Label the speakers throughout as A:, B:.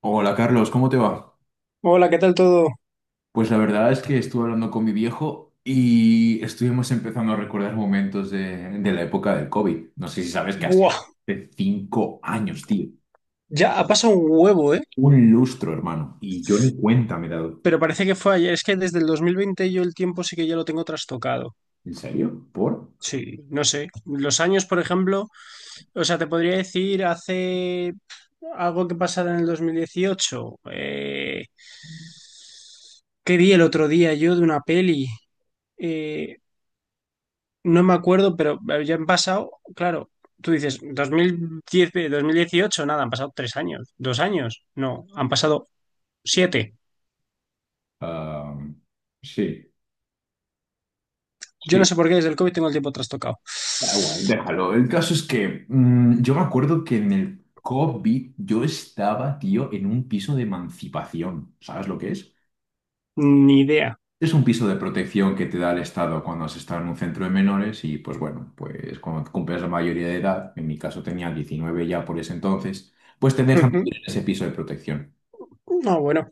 A: Hola Carlos, ¿cómo te va?
B: Hola, ¿qué tal todo?
A: Pues la verdad es que estuve hablando con mi viejo y estuvimos empezando a recordar momentos de la época del COVID. No sé si sabes que ha sido
B: Buah,
A: hace 5 años, tío.
B: ya ha pasado un huevo, ¿eh?
A: Un lustro, hermano. Y yo ni cuenta me he dado.
B: Pero parece que fue ayer. Es que desde el 2020 yo el tiempo sí que ya lo tengo trastocado.
A: ¿En serio? ¿Por?
B: Sí, no sé. Los años, por ejemplo, o sea, te podría decir hace algo que pasara en el 2018. ¿Qué vi el otro día yo de una peli? Eh, no me acuerdo, pero ya han pasado, claro, tú dices, dos mil diez, 2018, nada, han pasado tres años, dos años, no, han pasado siete.
A: Ah, sí,
B: Yo no
A: sí.
B: sé por qué desde el COVID tengo el tiempo trastocado.
A: Da igual, déjalo. El caso es que yo me acuerdo que en el COVID yo estaba, tío, en un piso de emancipación. ¿Sabes lo que es?
B: Ni idea.
A: Es un piso de protección que te da el Estado cuando has estado en un centro de menores y pues bueno, pues cuando cumples la mayoría de edad, en mi caso tenía 19 ya por ese entonces, pues te dejan vivir en ese piso de protección.
B: Ujú. No, bueno,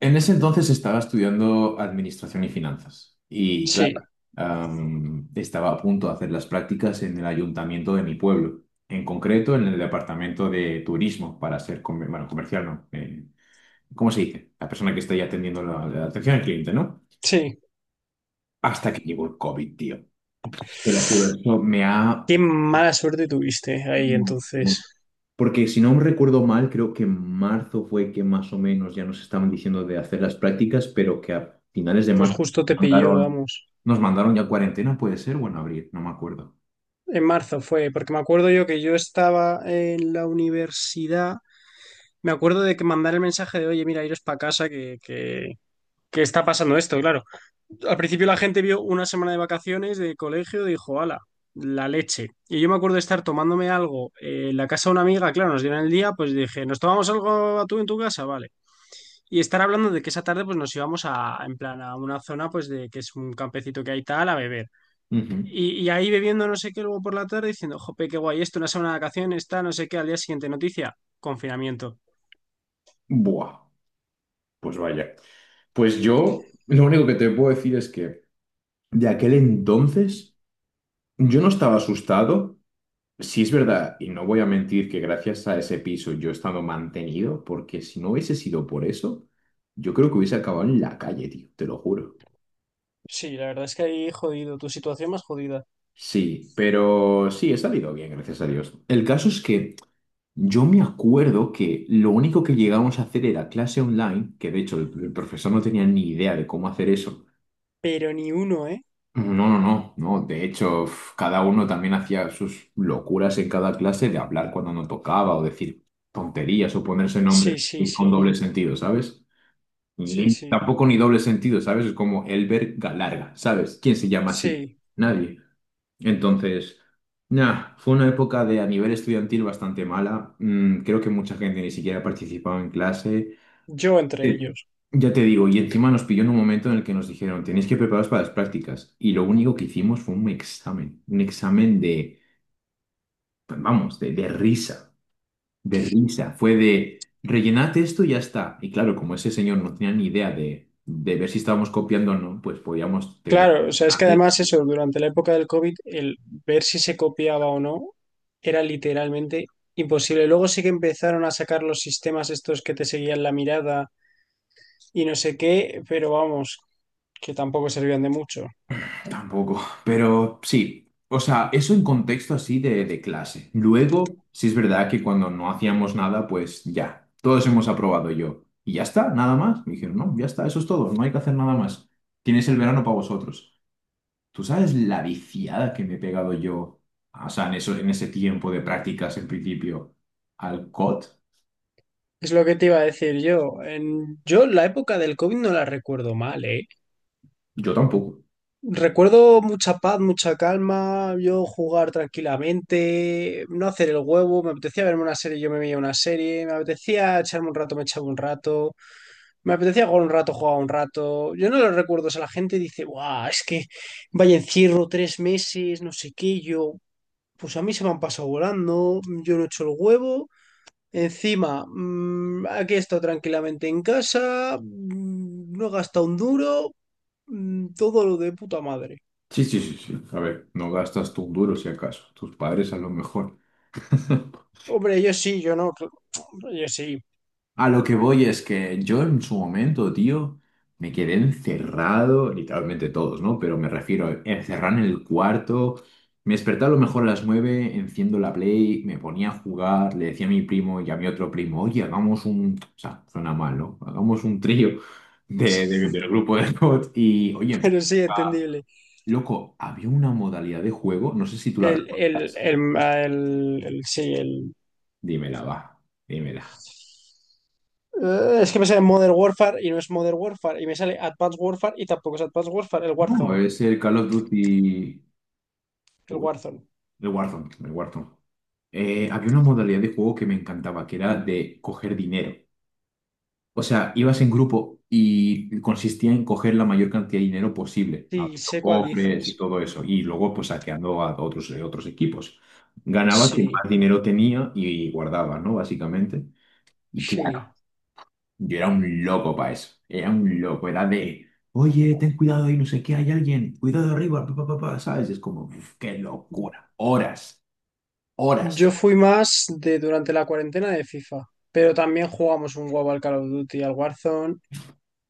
A: En ese entonces estaba estudiando administración y finanzas y claro,
B: sí,
A: estaba a punto de hacer las prácticas en el ayuntamiento de mi pueblo, en concreto en el departamento de turismo para ser, bueno, comercial, ¿no? ¿Cómo se dice? La persona que está ahí atendiendo la atención al cliente, ¿no?
B: sí.
A: Hasta que llegó el COVID, tío. Te lo juro, eso me ha...
B: Qué mala suerte tuviste ahí entonces.
A: Porque si no recuerdo mal, creo que en marzo fue que más o menos ya nos estaban diciendo de hacer las prácticas, pero que a finales de
B: Pues
A: marzo
B: justo te
A: nos
B: pilló,
A: mandaron,
B: vamos.
A: ya cuarentena, puede ser, o en abril, no me acuerdo.
B: En marzo fue, porque me acuerdo yo que yo estaba en la universidad. Me acuerdo de que mandar el mensaje de, oye, mira, iros para casa, que está pasando esto, claro. Al principio la gente vio una semana de vacaciones de colegio y dijo, ala, la leche. Y yo me acuerdo de estar tomándome algo en la casa de una amiga, claro, nos dieron el día, pues dije, ¿nos tomamos algo a tú en tu casa? Vale. Y estar hablando de que esa tarde pues nos íbamos a, en plan, a una zona pues de que es un campecito que hay tal, a beber.
A: Ujú.
B: Y ahí bebiendo no sé qué luego por la tarde diciendo, jope, qué guay esto, una semana de vacaciones, está, no sé qué, al día siguiente noticia, confinamiento.
A: Buah, pues vaya. Pues yo, lo único que te puedo decir es que de aquel entonces yo no estaba asustado. Sí, es verdad, y no voy a mentir que gracias a ese piso yo he estado mantenido, porque si no hubiese sido por eso, yo creo que hubiese acabado en la calle, tío, te lo juro.
B: Sí, la verdad es que ahí jodido, tu situación más jodida.
A: Sí, pero sí, he salido bien, gracias a Dios. El caso es que yo me acuerdo que lo único que llegábamos a hacer era clase online, que de hecho el profesor no tenía ni idea de cómo hacer eso.
B: Pero ni uno, ¿eh?
A: No, no, no, no. De hecho, uf, cada uno también hacía sus locuras en cada clase de hablar cuando no tocaba o decir tonterías o ponerse
B: Sí,
A: nombres
B: sí, sí,
A: con doble sentido, ¿sabes?
B: sí,
A: Y
B: sí.
A: tampoco ni doble sentido, ¿sabes? Es como Elber Galarga, ¿sabes? ¿Quién se llama así?
B: Sí,
A: Nadie. Entonces, nada, fue una época de a nivel estudiantil bastante mala. Creo que mucha gente ni siquiera participaba en clase.
B: yo entre
A: Eh,
B: ellos.
A: Ya te digo, y encima nos pilló en un momento en el que nos dijeron, tenéis que prepararos para las prácticas. Y lo único que hicimos fue un examen de, pues, vamos, de risa, de risa. Fue de, rellenad esto y ya está. Y claro, como ese señor no tenía ni idea de ver si estábamos copiando o no, pues podíamos tener...
B: Claro, o sea, es que además eso, durante la época del COVID, el ver si se copiaba o no era literalmente imposible. Luego sí que empezaron a sacar los sistemas estos que te seguían la mirada y no sé qué, pero vamos, que tampoco servían de mucho.
A: Tampoco, pero sí, o sea, eso en contexto así de clase. Luego, sí es verdad que cuando no hacíamos nada, pues ya, todos hemos aprobado yo. Y ya está, nada más. Me dijeron, no, ya está, eso es todo, no hay que hacer nada más. Tienes el verano para vosotros. ¿Tú sabes la viciada que me he pegado yo, o sea, en eso, en ese tiempo de prácticas en principio, al COT?
B: Es lo que te iba a decir yo. Yo la época del COVID no la recuerdo mal, ¿eh?
A: Yo tampoco.
B: Recuerdo mucha paz, mucha calma, yo jugar tranquilamente, no hacer el huevo, me apetecía verme una serie, yo me veía una serie, me apetecía echarme un rato, me echaba un rato, me apetecía jugar un rato, jugaba un rato. Yo no lo recuerdo, o sea, la gente dice, guau, es que vaya encierro tres meses, no sé qué, yo, pues a mí se me han pasado volando, yo no he hecho el huevo, encima, aquí he estado tranquilamente en casa, no he gastado un duro, todo lo de puta madre.
A: Sí, sí, sí, sí. A ver, no gastas tú un duro si acaso. Tus padres a lo mejor.
B: Hombre, yo sí, yo no, yo sí,
A: A lo que voy es que yo en su momento, tío, me quedé encerrado, literalmente todos, ¿no? Pero me refiero a encerrar en el cuarto. Me despertaba a lo mejor a las 9, enciendo la Play, me ponía a jugar, le decía a mi primo y a mi otro primo, oye, hagamos un... O sea, suena mal, ¿no? Hagamos un trío del grupo de bots y, oye, empezó
B: pero sí,
A: a-
B: entendible.
A: loco, había una modalidad de juego, no sé si tú la recuerdas.
B: El, ah, el- sí, el...
A: Dímela, va, dímela.
B: Es que me sale Modern Warfare y no es Modern Warfare, y me sale Advanced Warfare y tampoco es Advanced Warfare, el
A: No,
B: Warzone,
A: es el Call of Duty...
B: el Warzone.
A: De Warzone, de Warzone. Había una modalidad de juego que me encantaba, que era de coger dinero. O sea, ibas en grupo y consistía en coger la mayor cantidad de dinero posible,
B: Sí,
A: abriendo
B: sé cuál
A: cofres y
B: dices.
A: todo eso, y luego pues saqueando a otros, otros equipos. Ganaba quien más
B: Sí,
A: dinero tenía y guardaba, ¿no? Básicamente. Y claro,
B: sí.
A: yo era un loco para eso, era un loco, era de, oye, ten cuidado ahí, no sé qué, hay alguien, cuidado arriba, pa, pa, pa, pa", ¿sabes? Es como, "Uf, qué locura, horas,
B: Yo
A: horas.
B: fui más de durante la cuarentena de FIFA, pero también jugamos un huevo al Call of Duty, al Warzone.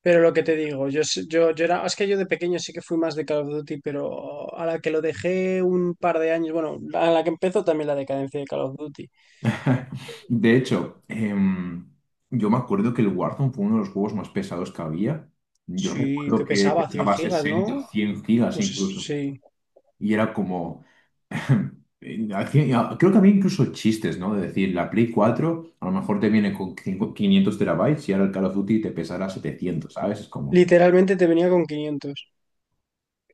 B: Pero lo que te digo, yo era, es que yo de pequeño sí que fui más de Call of Duty, pero a la que lo dejé un par de años, bueno, a la que empezó también la decadencia de Call of Duty.
A: De hecho, yo me acuerdo que el Warzone fue uno de los juegos más pesados que había. Yo
B: Sí,
A: recuerdo
B: que
A: que
B: pesaba 100
A: pesaba
B: gigas,
A: 60,
B: ¿no?
A: 100 gigas incluso.
B: Sí,
A: Y era como... Creo que había incluso chistes, ¿no? De decir, la Play 4 a lo mejor te viene con 500 terabytes y ahora el Call of Duty te pesará 700, ¿sabes? Es como,
B: literalmente te venía con 500.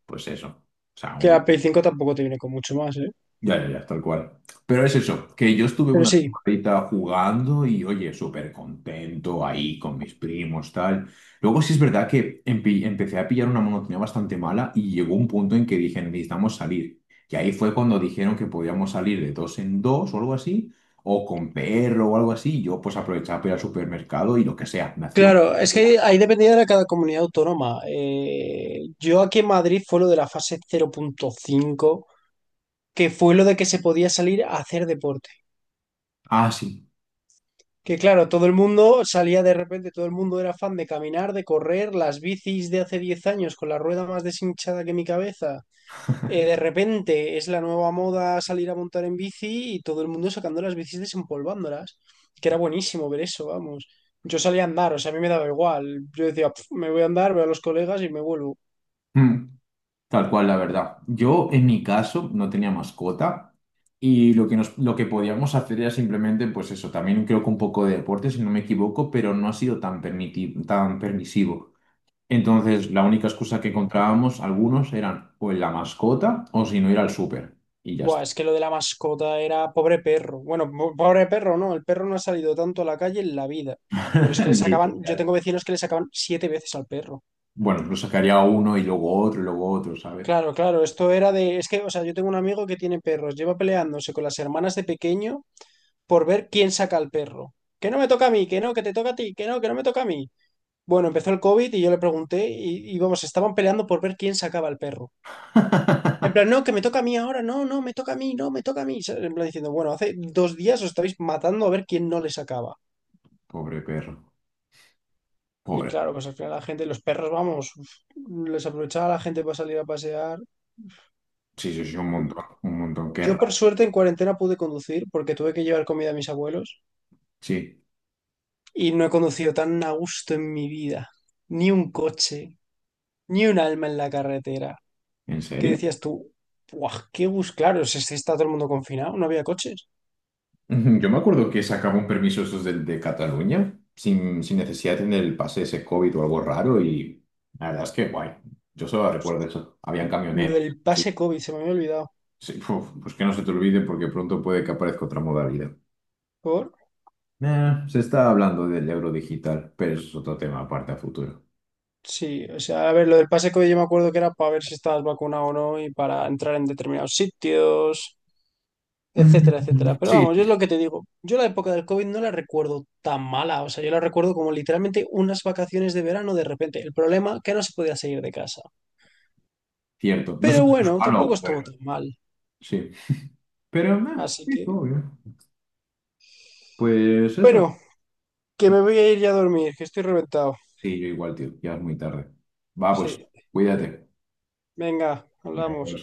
A: pues eso. O sea,
B: Que
A: un
B: la Play 5 tampoco te viene con mucho más, ¿eh?
A: ya, ya, ya, tal cual. Pero es eso, que yo estuve
B: Pero
A: una
B: sí,
A: temporadita jugando y, oye, súper contento ahí con mis primos, tal. Luego sí es verdad que empecé a pillar una monotonía bastante mala y llegó un punto en que dije, necesitamos salir. Y ahí fue cuando dijeron que podíamos salir de dos en dos o algo así, o con perro o algo así. Y yo pues aprovechaba para ir al supermercado y lo que sea, me hacía un...
B: claro, es que ahí dependía de cada comunidad autónoma. Yo aquí en Madrid fue lo de la fase cero punto cinco, que fue lo de que se podía salir a hacer deporte.
A: Ah, sí.
B: Que claro, todo el mundo salía de repente, todo el mundo era fan de caminar, de correr, las bicis de hace 10 años con la rueda más deshinchada que mi cabeza. De repente es la nueva moda salir a montar en bici y todo el mundo sacando las bicis desempolvándolas. Que era buenísimo ver eso, vamos. Yo salía a andar, o sea, a mí me daba igual. Yo decía, "Pf, me voy a andar, veo a los colegas y me vuelvo".
A: Tal cual, la verdad. Yo, en mi caso, no tenía mascota y lo que, lo que podíamos hacer era simplemente, pues eso, también creo que un poco de deporte, si no me equivoco, pero no ha sido tan permisivo. Entonces, la única excusa que encontrábamos algunos eran o en la mascota o si no ir al súper. Y ya
B: Buah,
A: está.
B: es que lo de la mascota era pobre perro. Bueno, pobre perro, no. El perro no ha salido tanto a la calle en la vida. Pero es que le sacaban, yo
A: Literal.
B: tengo vecinos que le sacaban siete veces al perro.
A: Bueno, lo sacaría a uno y luego otro, ¿sabes?
B: Claro, claro, esto era de, es que, o sea, yo tengo un amigo que tiene perros, lleva peleándose con las hermanas de pequeño por ver quién saca al perro. Que no me toca a mí, que no, que te toca a ti, que no me toca a mí. Bueno, empezó el COVID y yo le pregunté y vamos, estaban peleando por ver quién sacaba al perro. En plan, no, que me toca a mí ahora, no, no, me toca a mí, no, me toca a mí. ¿Sabes? En plan diciendo, bueno, hace dos días os estáis matando a ver quién no les acaba.
A: Pobre perro.
B: Y
A: Pobre.
B: claro, pues al final la gente, los perros, vamos, uf, les aprovechaba la gente para salir a pasear.
A: Sí, sí, sí, un montón, un montón. Qué
B: Yo por
A: raro.
B: suerte en cuarentena pude conducir porque tuve que llevar comida a mis abuelos
A: Sí.
B: y no he conducido tan a gusto en mi vida. Ni un coche, ni un alma en la carretera.
A: ¿En
B: ¿Qué
A: serio?
B: decías tú? Buah, qué bus claro, si está todo el mundo confinado, no había coches.
A: Ujú. Yo me acuerdo que sacaba un permiso esos del de Cataluña, sin necesidad de tener el pase ese COVID o algo raro, y la verdad es que guay. Yo solo recuerdo eso. Habían
B: Lo
A: camioneros.
B: del
A: Sí,
B: pase COVID, se me había olvidado.
A: sí, uf, pues que no se te olvide porque pronto puede que aparezca otra modalidad.
B: Por
A: Se está hablando del euro digital, pero eso es otro tema aparte a futuro.
B: Sí, o sea, a ver, lo del pase COVID yo me acuerdo que era para ver si estabas vacunado o no y para entrar en determinados sitios, etcétera, etcétera.
A: Mm.
B: Pero
A: Sí,
B: vamos, yo es lo que te digo. Yo la época del COVID no la recuerdo tan mala, o sea, yo la recuerdo como literalmente unas vacaciones de verano de repente. El problema que no se podía salir de casa.
A: cierto. No sé
B: Pero
A: si es
B: bueno,
A: malo,
B: tampoco estuvo
A: pero
B: tan mal.
A: sí. Pero
B: Así
A: sí,
B: que,
A: obvio. Pues eso.
B: bueno, que me voy a ir ya a dormir, que estoy reventado.
A: Sí, yo igual, tío. Ya es muy tarde. Va, pues,
B: Sí,
A: cuídate.
B: venga,
A: Adiós.
B: hablamos.